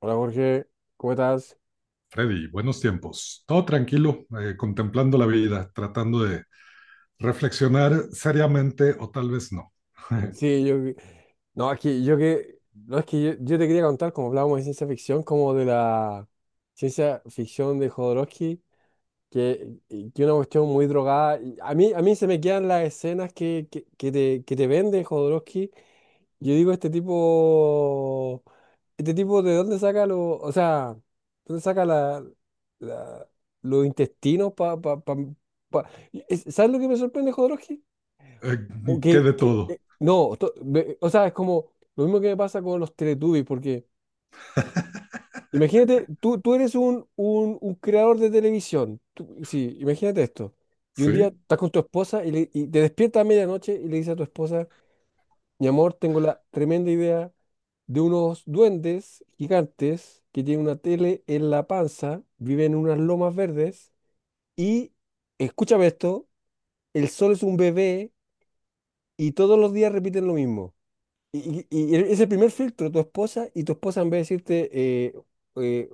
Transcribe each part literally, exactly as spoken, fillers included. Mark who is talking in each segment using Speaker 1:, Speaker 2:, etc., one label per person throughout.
Speaker 1: Hola Jorge, ¿cómo estás?
Speaker 2: Freddy, buenos tiempos. Todo tranquilo, eh, contemplando la vida, tratando de reflexionar seriamente o tal vez no.
Speaker 1: Eh, Sí, yo... No, aquí yo que... No, es que yo, yo te quería contar, como hablábamos de ciencia ficción, como de la ciencia ficción de Jodorowsky, que es una cuestión muy drogada. y A mí, a mí se me quedan las escenas que, que, que te, que te vende Jodorowsky. Yo digo, este tipo... Este tipo, ¿de dónde saca lo... O sea, ¿dónde saca la, la- los intestinos para... Pa, pa, pa- pa- ¿Sabes lo que me sorprende, Jodorowsky?
Speaker 2: Eh,
Speaker 1: O
Speaker 2: ¿Qué
Speaker 1: que,
Speaker 2: de
Speaker 1: que-
Speaker 2: todo?
Speaker 1: eh, no, to- ve- O sea, es como lo mismo que me pasa con los Teletubbies, porque imagínate, tú, tú eres un, un, un creador de televisión, tú- sí, imagínate esto, y un día
Speaker 2: ¿Sí?
Speaker 1: estás con tu esposa y, le- y te despiertas a medianoche y le dices a tu esposa, mi amor, tengo la tremenda idea de unos duendes gigantes que tienen una tele en la panza, viven en unas lomas verdes y, escúchame esto, el sol es un bebé y todos los días repiten lo mismo. Y, y- y es el primer filtro, tu esposa, y tu esposa en vez de decirte, eh, eh,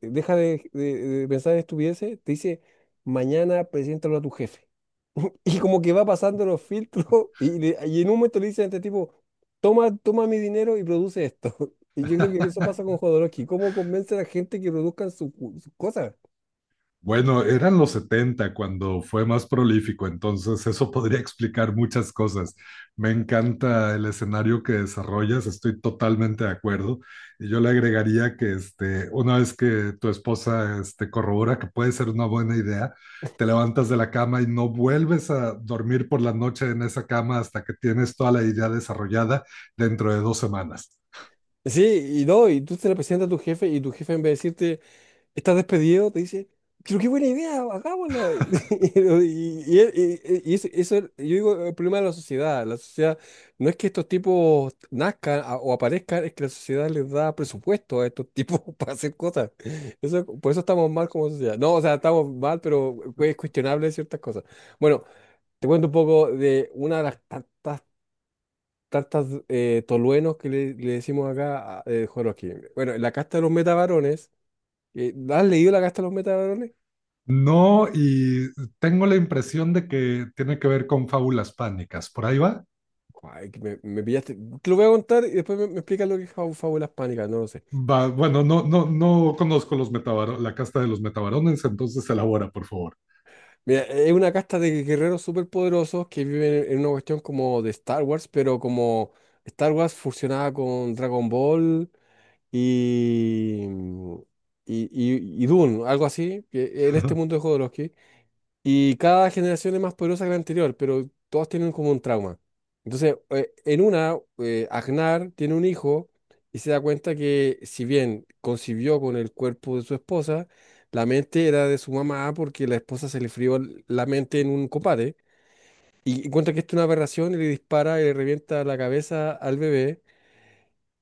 Speaker 1: deja de, de- de pensar en estupideces, te dice, mañana preséntalo a tu jefe. Y como que va pasando los filtros, y, le- y en un momento le dicen a este tipo, toma, toma mi dinero y produce esto. Y yo creo que eso pasa con Jodorowsky. ¿Cómo convence a la gente que produzcan su- sus cosas?
Speaker 2: Bueno, eran los setenta cuando fue más prolífico, entonces eso podría explicar muchas cosas. Me encanta el escenario que desarrollas, estoy totalmente de acuerdo. Y yo le agregaría que este, una vez que tu esposa este, corrobora que puede ser una buena idea, te levantas de la cama y no vuelves a dormir por la noche en esa cama hasta que tienes toda la idea desarrollada dentro de dos semanas.
Speaker 1: Sí, y no, y tú te la presentas a tu jefe y tu jefe en vez de decirte, estás despedido, te dice, pero qué buena idea, hagámosla. Y, y- y- y eso, eso es, yo digo, el problema de la sociedad. La sociedad no es que estos tipos nazcan a- o aparezcan, es que la sociedad les da presupuesto a estos tipos para hacer cosas. Eso, por eso estamos mal como sociedad. No, o sea, estamos mal, pero eh, es cuestionable ciertas cosas. Bueno, te cuento un poco de una de las tantas Tartas eh, toluenos que le, le decimos acá a eh, Joroquín. Bueno, la casta de los metavarones, eh, ¿has leído la casta de los metavarones?
Speaker 2: No, y tengo la impresión de que tiene que ver con fábulas pánicas. ¿Por ahí va?
Speaker 1: Ay, que me, me pillaste. Te lo voy a contar y después me, me explicas lo que es fábu- fábulas pánicas, no lo sé.
Speaker 2: Va, bueno, no, no, no conozco los metabaro- la casta de los metabarones, entonces elabora, por favor.
Speaker 1: Mira, es una casta de guerreros superpoderosos que viven en, en una cuestión como de Star Wars, pero como Star Wars fusionada con Dragon Ball y, y, y, y Dune, algo así, que en este mundo de Jodorowsky. Y cada generación es más poderosa que la anterior, pero todas tienen como un trauma. Entonces, eh, en una, eh, Agnar tiene un hijo y se da cuenta que si bien concibió con el cuerpo de su esposa, la mente era de su mamá porque la esposa se le frió l- la mente en un combate. Y encuentra que esto es una aberración y le dispara y le revienta la cabeza al bebé.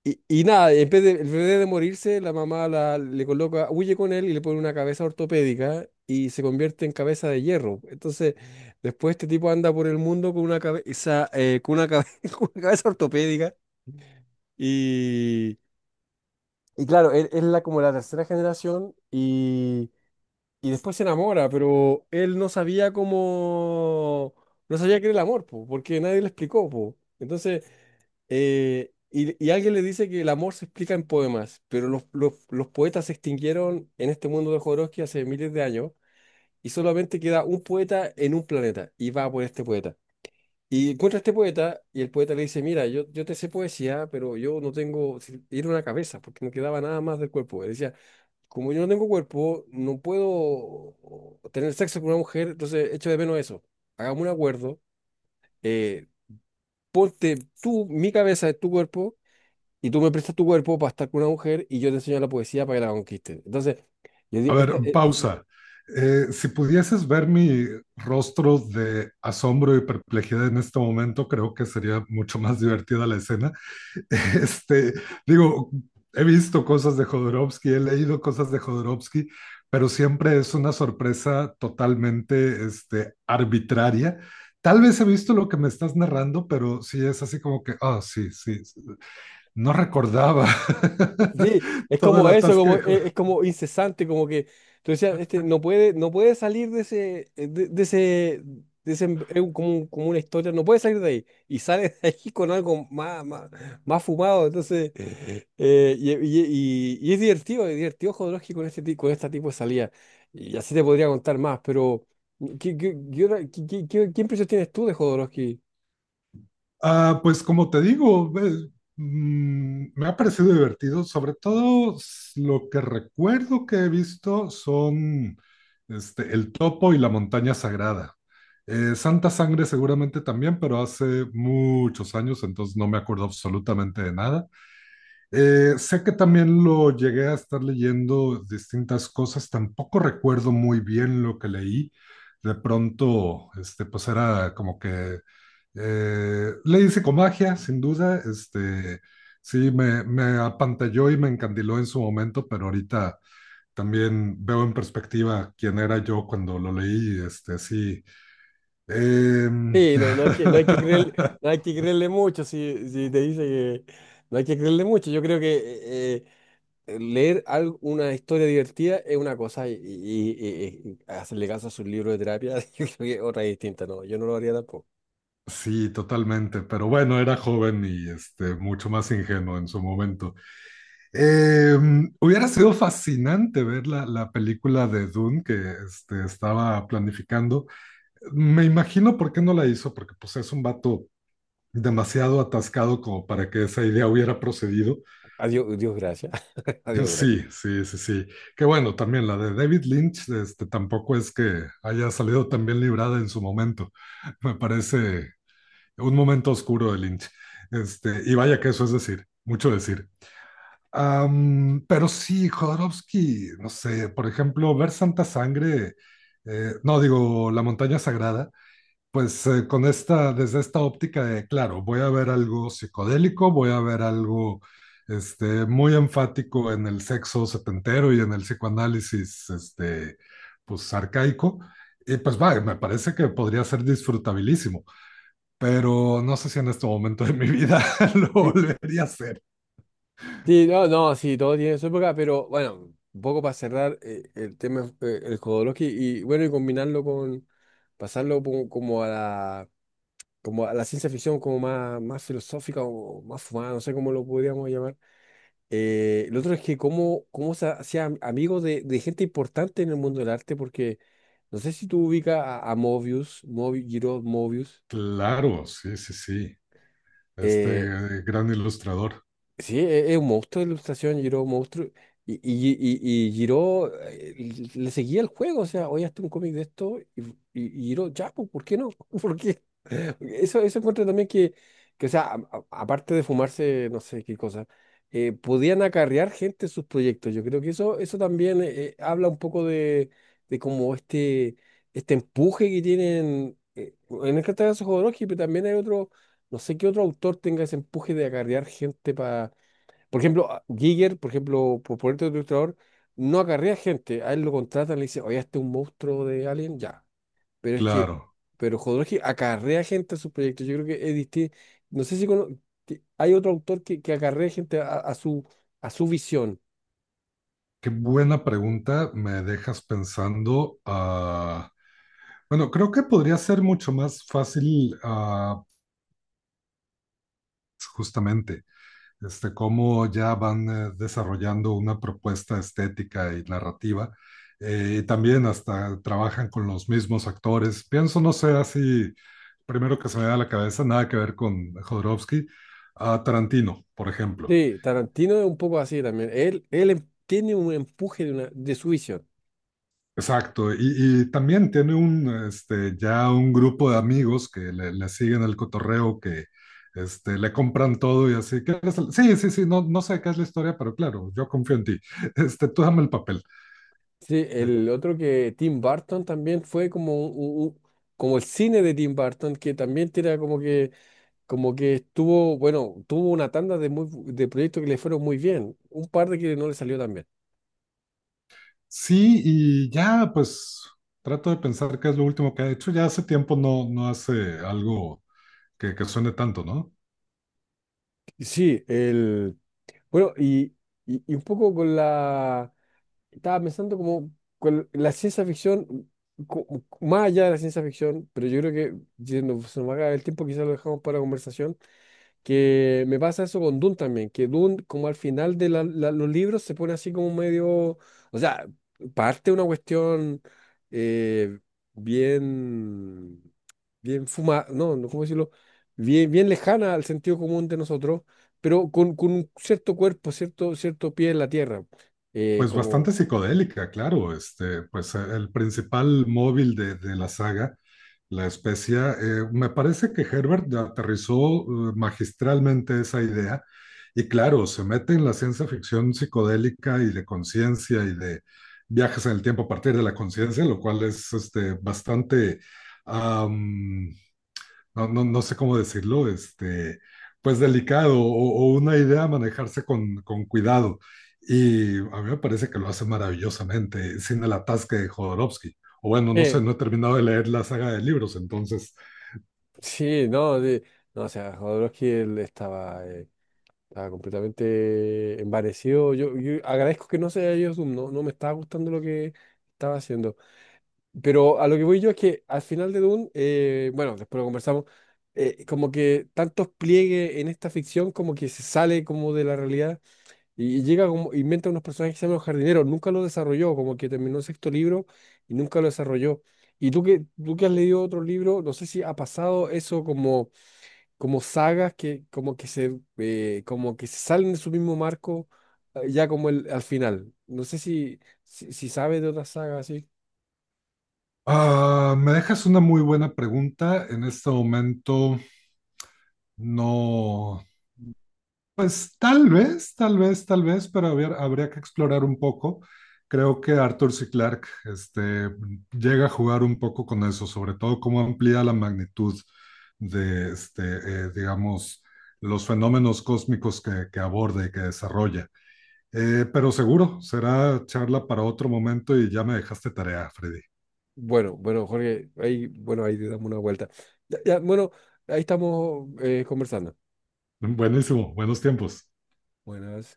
Speaker 1: Y, y nada, en vez de, en vez de morirse, la mamá la, le coloca, huye con él y le pone una cabeza ortopédica y se convierte en cabeza de hierro. Entonces, después este tipo anda por el mundo con una cabeza, eh, con una cabe- con una cabeza ortopédica. Y, y claro, él es la, como la tercera generación y, y después se enamora, pero él no sabía cómo, no sabía qué era el amor, po, porque nadie le explicó, po. Entonces, eh, y, y alguien le dice que el amor se explica en poemas, pero los, los- los poetas se extinguieron en este mundo de Jodorowsky hace miles de años y solamente queda un poeta en un planeta y va por este poeta. Y encuentra a este poeta y el poeta le dice, mira, yo, yo te sé poesía, pero yo no tengo, si- era una cabeza, porque no quedaba nada más del cuerpo. Él decía, como yo no tengo cuerpo, no puedo tener sexo con una mujer, entonces echo de menos eso. Hagamos un acuerdo, eh, ponte tú mi cabeza en tu cuerpo y tú me prestas tu cuerpo para estar con una mujer y yo te enseño la poesía para que la conquistes. Entonces, yo
Speaker 2: A
Speaker 1: digo,
Speaker 2: ver,
Speaker 1: esta- eh,
Speaker 2: pausa. Eh, si pudieses ver mi rostro de asombro y perplejidad en este momento, creo que sería mucho más divertida la escena. Este, digo, he visto cosas de Jodorowsky, he leído cosas de Jodorowsky, pero siempre es una sorpresa totalmente este, arbitraria. Tal vez he visto lo que me estás narrando, pero sí es así como que, ah, oh, sí, sí, sí, no recordaba
Speaker 1: sí, es
Speaker 2: todo el
Speaker 1: como eso, como,
Speaker 2: atasquejo.
Speaker 1: eh, es, como incesante, como que tú decías, este no puede, no puede salir de ese, eh, de, de ese, de ese em- es un- como, un- como una historia, no puede salir de ahí. Y sale de ahí con algo más, más, más fumado. Entonces, eh, y, y- y- y es divertido, es divertido Jodorowsky con este, ti- con este tipo de salida. Y así te podría contar más, pero ¿qué, qué, qué, otra- qué- qué- qué- qué impresión tienes tú de Jodorowsky?
Speaker 2: Ah, pues como te digo, ve- mm, me ha parecido divertido. Sobre todo s- lo que recuerdo que he visto son este, el topo y la montaña sagrada. Eh, Santa Sangre seguramente también, pero hace muchos años, entonces no me acuerdo absolutamente de nada. Eh, sé que también lo llegué a estar leyendo distintas cosas, tampoco recuerdo muy bien lo que leí. De pronto, este, pues era como que eh, leí psicomagia, sin duda. Este, sí, me, me apantalló y me encandiló en su momento, pero ahorita también veo en perspectiva quién era yo cuando lo leí. Este, sí. Em,
Speaker 1: Sí, no, no hay que, no hay que creer, no hay que creerle mucho si, si te dice que no hay que creerle mucho. Yo creo que eh, eh, leer algo, una historia divertida es una cosa y, y- y- y hacerle caso a sus libros de terapia yo creo que es otra distinta. No, yo no lo haría tampoco.
Speaker 2: Sí, totalmente, pero bueno, era joven y este, mucho más ingenuo en su momento. Eh, hubiera sido fascinante ver la, la película de Dune que este, estaba planificando. Me imagino por qué no la hizo, porque pues es un vato demasiado atascado como para que esa idea hubiera procedido.
Speaker 1: Adiós, Dios gracias. Adiós gracias.
Speaker 2: Sí, sí, sí, sí. Que bueno, también la de David Lynch, este, tampoco es que haya salido tan bien librada en su momento. Me parece un momento oscuro de Lynch. Este, y vaya que eso es decir, mucho decir. Am, pero sí, Jodorowsky, no sé, por ejemplo, ver Santa Sangre, eh, no digo La Montaña Sagrada, pues eh, con esta, desde esta óptica de, claro, voy a ver algo psicodélico, voy a ver algo este, muy enfático en el sexo setentero y en el psicoanálisis, este, pues arcaico, y pues va, me parece que podría ser disfrutabilísimo pero no sé si en este momento de mi vida lo
Speaker 1: Mm.
Speaker 2: volvería a hacer.
Speaker 1: Sí, no, no, sí, todo tiene su época, pero bueno, un poco para cerrar eh, el tema, eh, el Jodorowsky y bueno, y combinarlo con, pasarlo como, como a la... como a la ciencia ficción como más, más filosófica o más fumada, no sé cómo lo podríamos llamar. Eh, lo otro es que cómo, cómo se hacía am- amigo de, de gente importante en el mundo del arte, porque no sé si tú ubicas a, a Mobius, Mobi- Giro Mobius,
Speaker 2: Claro, sí, sí, sí. Este
Speaker 1: eh,
Speaker 2: eh, gran ilustrador.
Speaker 1: Sí, e- es un monstruo de ilustración, Giro, un monstruo. Y, y, y, y Giro eh, le seguía el juego, o sea, hoy hasta un cómic de esto y, y, y Giro, ya, pues, ¿por qué no? ¿Por qué? Eso, eso encuentro también que, que, o sea, a- a- aparte de fumarse, no sé qué cosa, eh, podían acarrear gente sus proyectos. Yo creo que eso, eso también eh, habla un poco de, de como este, este empuje que tienen, eh, en el caso de Jodorowsky, pero también hay otro, no sé qué otro autor tenga ese empuje de acarrear gente por ejemplo, a- Giger, por ejemplo, por ponerte otro ilustrador, no acarrea gente. A él lo contratan, le dicen, oye, este es un monstruo de Alien, ya. Pero es que,
Speaker 2: Claro,
Speaker 1: pero Jodorowsky acarrea gente a sus proyectos. Yo creo que es distinto. No sé si cono- que hay otro autor que, que acarrea gente a, a su, a su visión.
Speaker 2: qué buena pregunta me dejas pensando. Ah, bueno, creo que podría ser mucho más fácil, ah, justamente. este, cómo ya van eh, desarrollando una propuesta estética y narrativa. eh, y también hasta trabajan con los mismos actores. Pienso, no sé, así, primero que se me da a la cabeza, nada que ver con Jodorowsky, a Tarantino, por ejemplo.
Speaker 1: Sí, Tarantino es un poco así también. Él, él em- tiene un empuje de, una, de su visión.
Speaker 2: Exacto, y, y también tiene un, este, ya un grupo de amigos que le, le siguen el cotorreo, que este, le compran todo y así. "¿Qué es el-?" Sí, sí, sí, no, no sé qué es la historia, pero claro, yo confío en ti. Este, tú dame el papel.
Speaker 1: Sí,
Speaker 2: de-
Speaker 1: el otro que Tim Burton también fue como, un- un- un- como el cine de Tim Burton, que también tira como que como que estuvo, bueno, tuvo una tanda de, muy, bu- de proyectos que le fueron muy bien, un par de que no le salió tan bien.
Speaker 2: Sí, y ya pues trato de pensar qué es lo último que ha hecho. Ya hace tiempo no, no hace algo que, que suene tanto, ¿no?
Speaker 1: Y sí, el, bueno, y, y, y un poco con la, estaba pensando como con la ciencia ficción, co- más allá de la ciencia ficción, pero yo creo que, yendo, se nos va a acabar el tiempo, quizás lo dejamos para conversación. Que me pasa eso con Dune también, que Dune como al final de la- la- los libros se pone así como medio, o sea, parte una cuestión eh, bien, bien fuma, no, no, ¿cómo decirlo? Bien, bien lejana al sentido común de nosotros, pero con, con un cierto cuerpo, cierto, cierto pie en la tierra. eh,
Speaker 2: Pues bastante
Speaker 1: como,
Speaker 2: psicodélica, claro. Este, pues eh, el principal móvil de, de la saga, la especia. Eh, me parece que Herbert aterrizó eh, magistralmente esa idea y claro, se mete en la ciencia ficción psicodélica y de conciencia y de viajes en el tiempo a partir de la conciencia, lo cual es este, bastante um, no, no, no sé cómo decirlo, este, pues delicado o, o una idea a manejarse con, con cuidado. Y a mí me parece que lo hace maravillosamente, sin el atasque de Jodorowsky. O bueno, no sé,
Speaker 1: eh,
Speaker 2: no he terminado de leer la saga de libros, entonces.
Speaker 1: sí, no, de- no, o sea, Jodorowsky él estaba eh, estaba completamente envanecido. Yo, yo agradezco que no sea yo ido Doom, no, no me estaba gustando lo que estaba haciendo. Pero a lo que voy yo es que al final de Doom, eh, bueno, después lo conversamos, eh, como que tantos pliegues en esta ficción como que se sale como de la realidad y, y llega como, inventa unos personajes que se llaman los jardineros, nunca lo desarrolló, como que terminó el sexto libro y nunca lo desarrolló. Y tú que, tú que has leído otro libro, no sé si ha pasado eso como como sagas que como que se eh, como que se salen de su mismo marco eh, ya como el al final. No sé si si, si sabes de otra saga así.
Speaker 2: Ah, me dejas una muy buena pregunta. En este momento no. Pues tal vez, tal vez, tal vez, pero habría, habría que explorar un poco. Creo que Arthur C. Clarke este, llega a jugar un poco con eso, sobre todo cómo amplía la magnitud de, este, eh, digamos, los fenómenos cósmicos que, que aborda y que desarrolla. Eh, pero seguro, será charla para otro momento y ya me dejaste tarea, Freddy.
Speaker 1: Bueno, bueno, Jorge, ahí bueno, ahí te damos una vuelta. Ya, ya, bueno, ahí estamos eh, conversando.
Speaker 2: Buenísimo, buenos tiempos.
Speaker 1: Buenas.